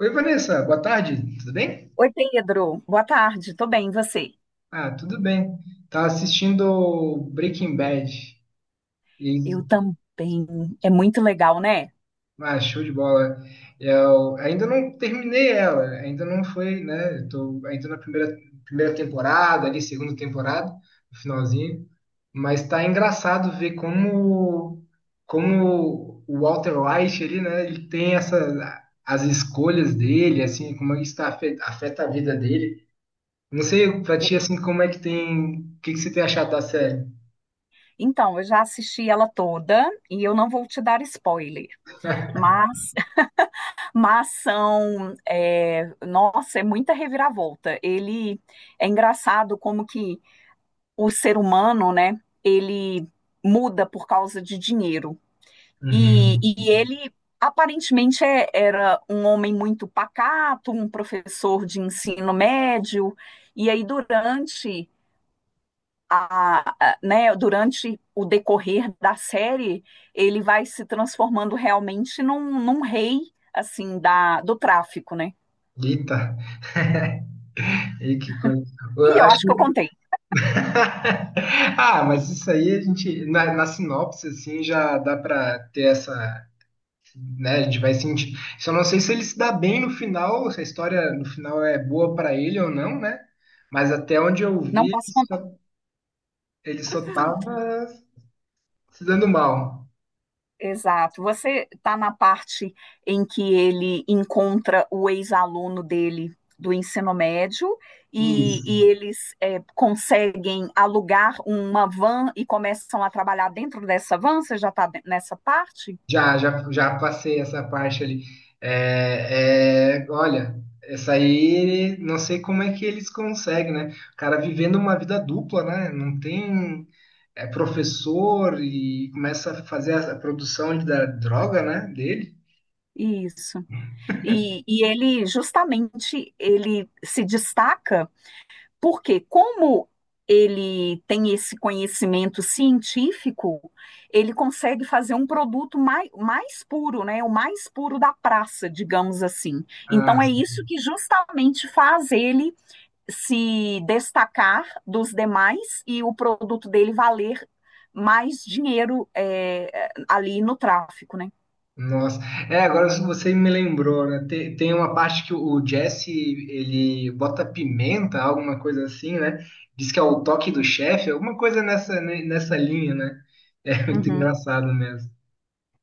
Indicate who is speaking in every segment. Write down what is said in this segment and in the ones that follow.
Speaker 1: Oi, Vanessa, boa tarde, tudo bem?
Speaker 2: Oi, Pedro. Boa tarde. Tô bem, e você?
Speaker 1: Ah, tudo bem. Tava assistindo Breaking Bad e
Speaker 2: Eu também. É muito legal, né?
Speaker 1: ah, show de bola. Eu ainda não terminei ela, ainda não foi, né? Eu tô ainda na primeira, primeira temporada, ali, segunda temporada, no finalzinho. Mas tá engraçado ver como, como o Walter White ali, né? Ele tem essas as escolhas dele, assim, como isso tá afeta a vida dele. Não sei pra ti, assim, como é que tem. O que que você tem achado da série?
Speaker 2: Então, eu já assisti ela toda e eu não vou te dar spoiler, mas, mas nossa, é muita reviravolta. Ele é engraçado como que o ser humano, né? Ele muda por causa de dinheiro. E,
Speaker 1: Uhum.
Speaker 2: e ele aparentemente era um homem muito pacato, um professor de ensino médio, e aí durante né, durante o decorrer da série, ele vai se transformando realmente num, rei assim da, do tráfico, né?
Speaker 1: Eita. E que coisa. Eu
Speaker 2: E eu
Speaker 1: acho
Speaker 2: acho que eu
Speaker 1: que-
Speaker 2: contei.
Speaker 1: Ah, mas isso aí a gente. Na sinopse, assim, já dá pra ter essa. Né? A gente vai sentir. Só não sei se ele se dá bem no final, se a história no final é boa pra ele ou não, né? Mas até onde eu
Speaker 2: Não
Speaker 1: vi,
Speaker 2: posso.
Speaker 1: ele só tava se dando mal.
Speaker 2: Exato. Você está na parte em que ele encontra o ex-aluno dele do ensino médio e,
Speaker 1: Isso.
Speaker 2: e eles conseguem alugar uma van e começam a trabalhar dentro dessa van. Você já está nessa parte?
Speaker 1: Já passei essa parte ali. É, é, olha, essa aí, não sei como é que eles conseguem, né? O cara vivendo uma vida dupla, né? Não tem, é professor e começa a fazer a produção da droga, né? Dele.
Speaker 2: Isso. E ele justamente ele se destaca. Porque como ele tem esse conhecimento científico, ele consegue fazer um produto mais puro, né? O mais puro da praça, digamos assim.
Speaker 1: Ah,
Speaker 2: Então é isso que justamente faz ele se destacar dos demais e o produto dele valer mais dinheiro ali no tráfico, né?
Speaker 1: nossa, é, agora você me lembrou, né? Tem, tem uma parte que o Jesse, ele bota pimenta, alguma coisa assim, né? Diz que é o toque do chefe, alguma coisa nessa, nessa linha, né? É muito
Speaker 2: Uhum.
Speaker 1: engraçado mesmo.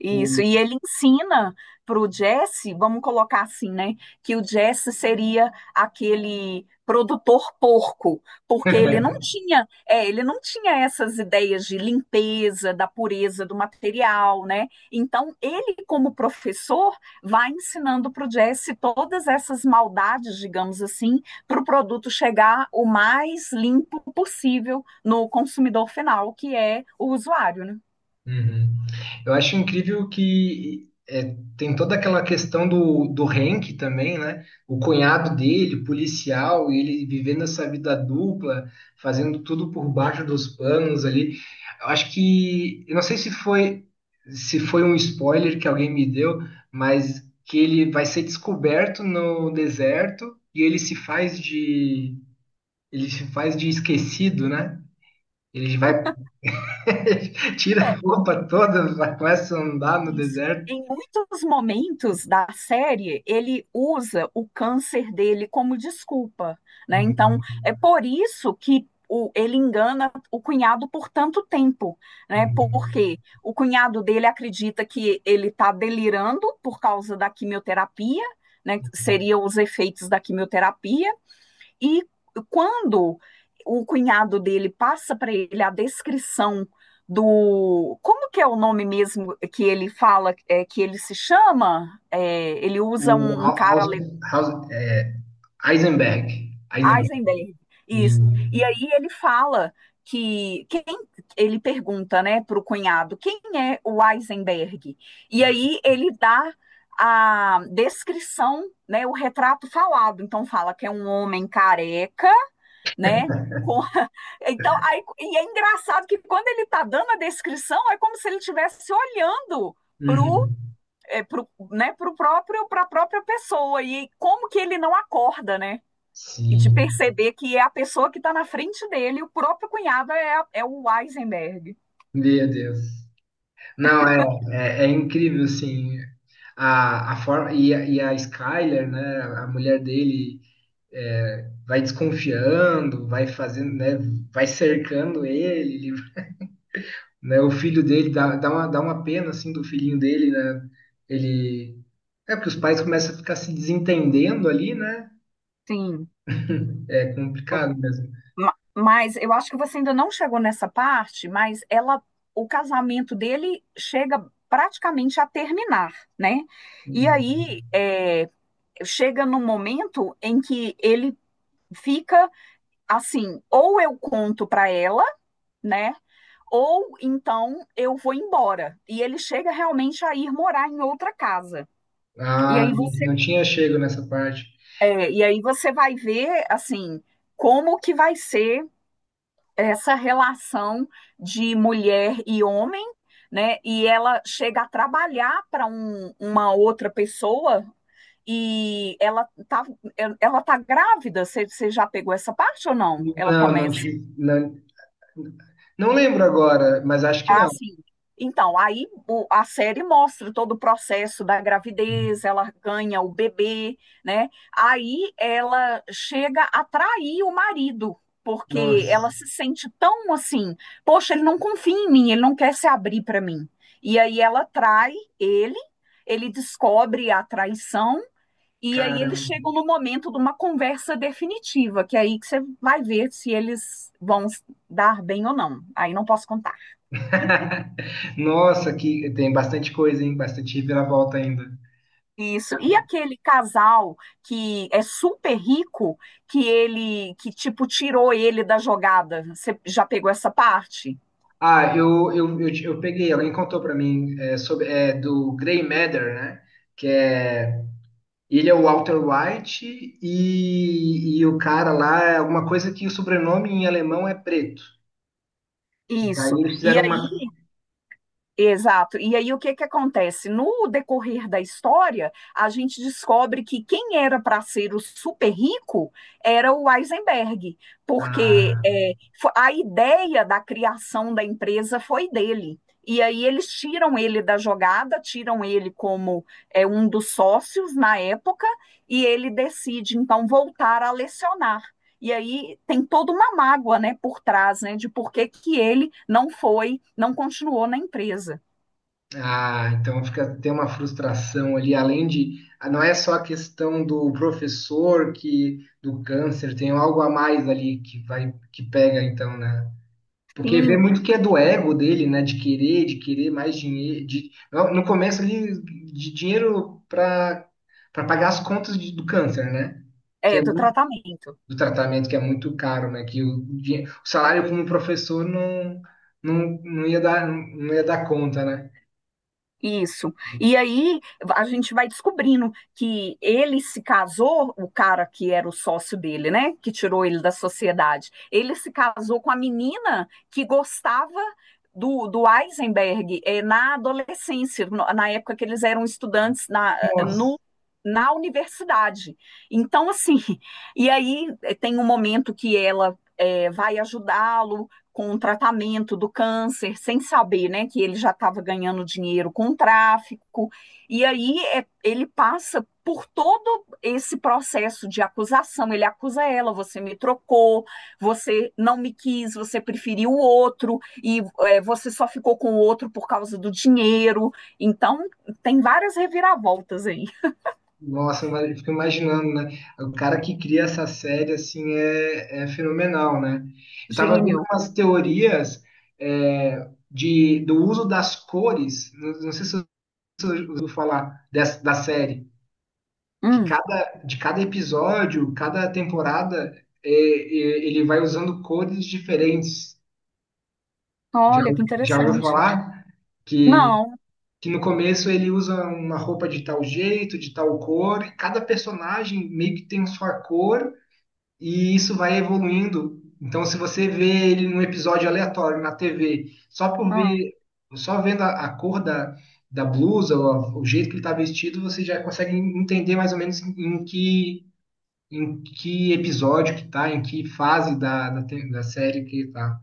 Speaker 2: Isso, e ele ensina para o Jesse, vamos colocar assim, né? Que o Jesse seria aquele produtor porco, porque ele não tinha essas ideias de limpeza, da pureza do material, né? Então, ele, como professor, vai ensinando para o Jesse todas essas maldades, digamos assim, para o produto chegar o mais limpo possível no consumidor final, que é o usuário, né?
Speaker 1: Uhum. Eu acho incrível que é, tem toda aquela questão do Hank também, né? O cunhado dele, policial, e ele vivendo essa vida dupla, fazendo tudo por baixo dos panos ali. Eu acho que, eu não sei se foi se foi um spoiler que alguém me deu, mas que ele vai ser descoberto no deserto e ele se faz de ele se faz de esquecido, né? Ele vai Tira a roupa toda, começa a andar no
Speaker 2: Isso.
Speaker 1: deserto.
Speaker 2: Em muitos momentos da série, ele usa o câncer dele como desculpa, né? Então,
Speaker 1: Uhum,
Speaker 2: é por isso que ele engana o cunhado por tanto tempo, né?
Speaker 1: uhum.
Speaker 2: Porque o cunhado dele acredita que ele está delirando por causa da quimioterapia, né? Que seria os efeitos da quimioterapia. E quando o cunhado dele passa para ele a descrição do... Como que é o nome mesmo que ele fala, que ele se chama? É, ele usa
Speaker 1: O
Speaker 2: um cara.
Speaker 1: Haus, Haus, é, Eisenberg. Eisenberg.
Speaker 2: Eisenberg, isso. E
Speaker 1: E-
Speaker 2: aí ele fala quem ele pergunta, né, para o cunhado, quem é o Eisenberg? E aí ele dá a descrição, né, o retrato falado. Então fala que é um homem careca, né? Com... Então, aí, e é engraçado que quando ele está dando a descrição, é como se ele estivesse olhando para
Speaker 1: Uhum.
Speaker 2: pro, né, pro próprio para a própria pessoa, e como que ele não acorda, né? E de
Speaker 1: Sim.
Speaker 2: perceber que é a pessoa que está na frente dele, o próprio cunhado é o Eisenberg.
Speaker 1: Meu Deus. Não, é, é, é incrível, assim, a forma, e a Skyler, né, a mulher dele, é, vai desconfiando, vai fazendo, né, vai cercando ele né? O filho dele dá, dá uma pena assim do filhinho dele, né? Ele é porque os pais começam a ficar se desentendendo ali, né?
Speaker 2: Sim.
Speaker 1: É
Speaker 2: É.
Speaker 1: complicado mesmo.
Speaker 2: Mas eu acho que você ainda não chegou nessa parte, mas o casamento dele chega praticamente a terminar, né? E aí,
Speaker 1: Hum.
Speaker 2: chega num momento em que ele fica assim, ou eu conto para ela, né? Ou então eu vou embora. E ele chega realmente a ir morar em outra casa. E
Speaker 1: Ah,
Speaker 2: aí
Speaker 1: não
Speaker 2: você,
Speaker 1: não tinha chego nessa parte.
Speaker 2: e aí você vai ver assim como que vai ser essa relação de mulher e homem, né? E ela chega a trabalhar para uma outra pessoa, e ela tá grávida. Você já pegou essa parte ou não? Ela
Speaker 1: Não, não
Speaker 2: começa
Speaker 1: tinha. Não, não lembro agora, mas acho que não.
Speaker 2: assim. Então, aí a série mostra todo o processo da gravidez, ela ganha o bebê, né? Aí ela chega a trair o marido, porque ela
Speaker 1: Nossa,
Speaker 2: se sente tão assim, poxa, ele não confia em mim, ele não quer se abrir para mim. E aí ela trai ele, ele descobre a traição. E aí eles
Speaker 1: caramba.
Speaker 2: chegam no momento de uma conversa definitiva, que é aí que você vai ver se eles vão dar bem ou não. Aí não posso contar.
Speaker 1: Nossa, que tem bastante coisa, hein? Bastante reviravolta ainda.
Speaker 2: Isso. E aquele casal que é super rico, que tipo tirou ele da jogada. Você já pegou essa parte?
Speaker 1: Ah, eu peguei, alguém contou pra mim é, sobre é, do Grey Matter, né? Que é ele é o Walter White e o cara lá é alguma coisa que o sobrenome em alemão é preto. Daí
Speaker 2: Isso.
Speaker 1: eles
Speaker 2: E.
Speaker 1: fizeram uma.
Speaker 2: Exato. E aí o que que acontece? No decorrer da história, a gente descobre que quem era para ser o super rico era o Heisenberg, porque
Speaker 1: Ah,
Speaker 2: a ideia da criação da empresa foi dele. E aí eles tiram ele da jogada, tiram ele como um dos sócios na época, e ele decide então voltar a lecionar. E aí tem toda uma mágoa, né, por trás, né, de por que que ele não foi, não continuou na empresa.
Speaker 1: ah, então fica tem uma frustração ali, além de ah, não é só a questão do professor que do câncer, tem algo a mais ali que vai que pega então, né? Porque vê
Speaker 2: Sim,
Speaker 1: muito que é do ego dele, né? De querer mais dinheiro. De... No começo ali, de dinheiro para para pagar as contas do câncer, né?
Speaker 2: é,
Speaker 1: Que é
Speaker 2: do
Speaker 1: muito,
Speaker 2: tratamento.
Speaker 1: do tratamento, que é muito caro, né? Que o, o salário como professor não, não, não ia dar, não ia dar conta, né?
Speaker 2: Isso. E aí a gente vai descobrindo que ele se casou, o cara que era o sócio dele, né? Que tirou ele da sociedade. Ele se casou com a menina que gostava do, Eisenberg, na adolescência, na época que eles eram estudantes na, no,
Speaker 1: Nossa.
Speaker 2: na universidade. Então, assim, e aí, tem um momento que ela, vai ajudá-lo com o tratamento do câncer, sem saber, né, que ele já estava ganhando dinheiro com o tráfico. E aí ele passa por todo esse processo de acusação. Ele acusa ela: você me trocou, você não me quis, você preferiu o outro, e você só ficou com o outro por causa do dinheiro. Então, tem várias reviravoltas aí.
Speaker 1: Nossa, mas eu fico imaginando, né? O cara que cria essa série, assim, é, é fenomenal, né? Eu tava vendo
Speaker 2: Gênio.
Speaker 1: umas teorias é, de, do uso das cores, não, não sei se você ouviu falar dessa, da série, que
Speaker 2: Hum,
Speaker 1: cada, de cada episódio, cada temporada, é, é, ele vai usando cores diferentes. Já,
Speaker 2: olha que
Speaker 1: já ouviu
Speaker 2: interessante.
Speaker 1: falar? Que,
Speaker 2: Não.
Speaker 1: que no começo ele usa uma roupa de tal jeito, de tal cor, e cada personagem meio que tem sua cor, e isso vai evoluindo. Então, se você vê ele num episódio aleatório na TV, só por
Speaker 2: Ah.
Speaker 1: ver, só vendo a cor da, da blusa, ou o jeito que ele está vestido, você já consegue entender mais ou menos em, em que, em que episódio que tá, em que fase da, da série que tá.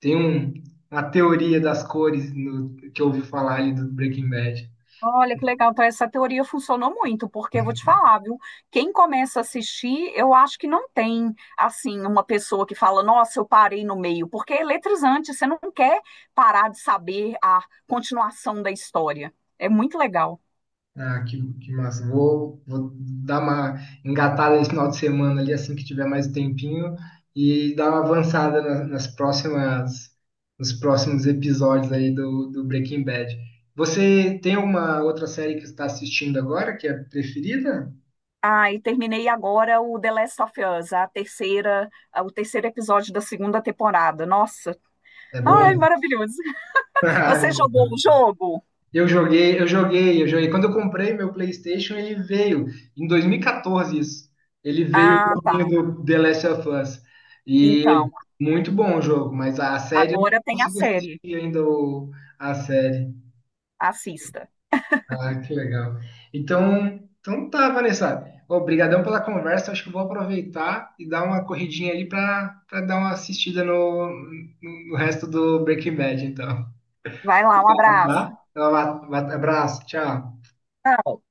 Speaker 1: Tem uma teoria das cores que eu ouvi falar ali do Breaking Bad.
Speaker 2: Olha que legal, então essa teoria funcionou muito, porque eu vou te falar, viu? Quem começa a assistir, eu acho que não tem, assim, uma pessoa que fala, nossa, eu parei no meio, porque é eletrizante, você não quer parar de saber a continuação da história. É muito legal.
Speaker 1: Ah, que massa. Vou, vou dar uma engatada esse final de semana ali, assim que tiver mais tempinho, e dar uma avançada nas próximas, nos próximos episódios aí do Breaking Bad. Você tem alguma outra série que está assistindo agora que é preferida?
Speaker 2: Ah, e terminei agora o The Last of Us, a terceira, o terceiro episódio da segunda temporada. Nossa,
Speaker 1: É
Speaker 2: ai,
Speaker 1: bom?
Speaker 2: maravilhoso. Você jogou o jogo?
Speaker 1: Eu joguei, eu joguei, eu joguei. Quando eu comprei meu PlayStation, ele veio em 2014 isso. Ele veio o
Speaker 2: Ah, tá.
Speaker 1: joguinho do The Last of Us. E
Speaker 2: Então,
Speaker 1: muito bom o jogo, mas a série eu não
Speaker 2: agora tem a
Speaker 1: consegui
Speaker 2: série.
Speaker 1: assistir ainda a série.
Speaker 2: Assista.
Speaker 1: Ah, que legal. Então, então tá, Vanessa. Obrigadão pela conversa. Acho que eu vou aproveitar e dar uma corridinha ali para dar uma assistida no, no no resto do Breaking Bad, então.
Speaker 2: Vai lá, um
Speaker 1: Obrigado,
Speaker 2: abraço.
Speaker 1: tá? Então, um abraço, tchau.
Speaker 2: Tchau.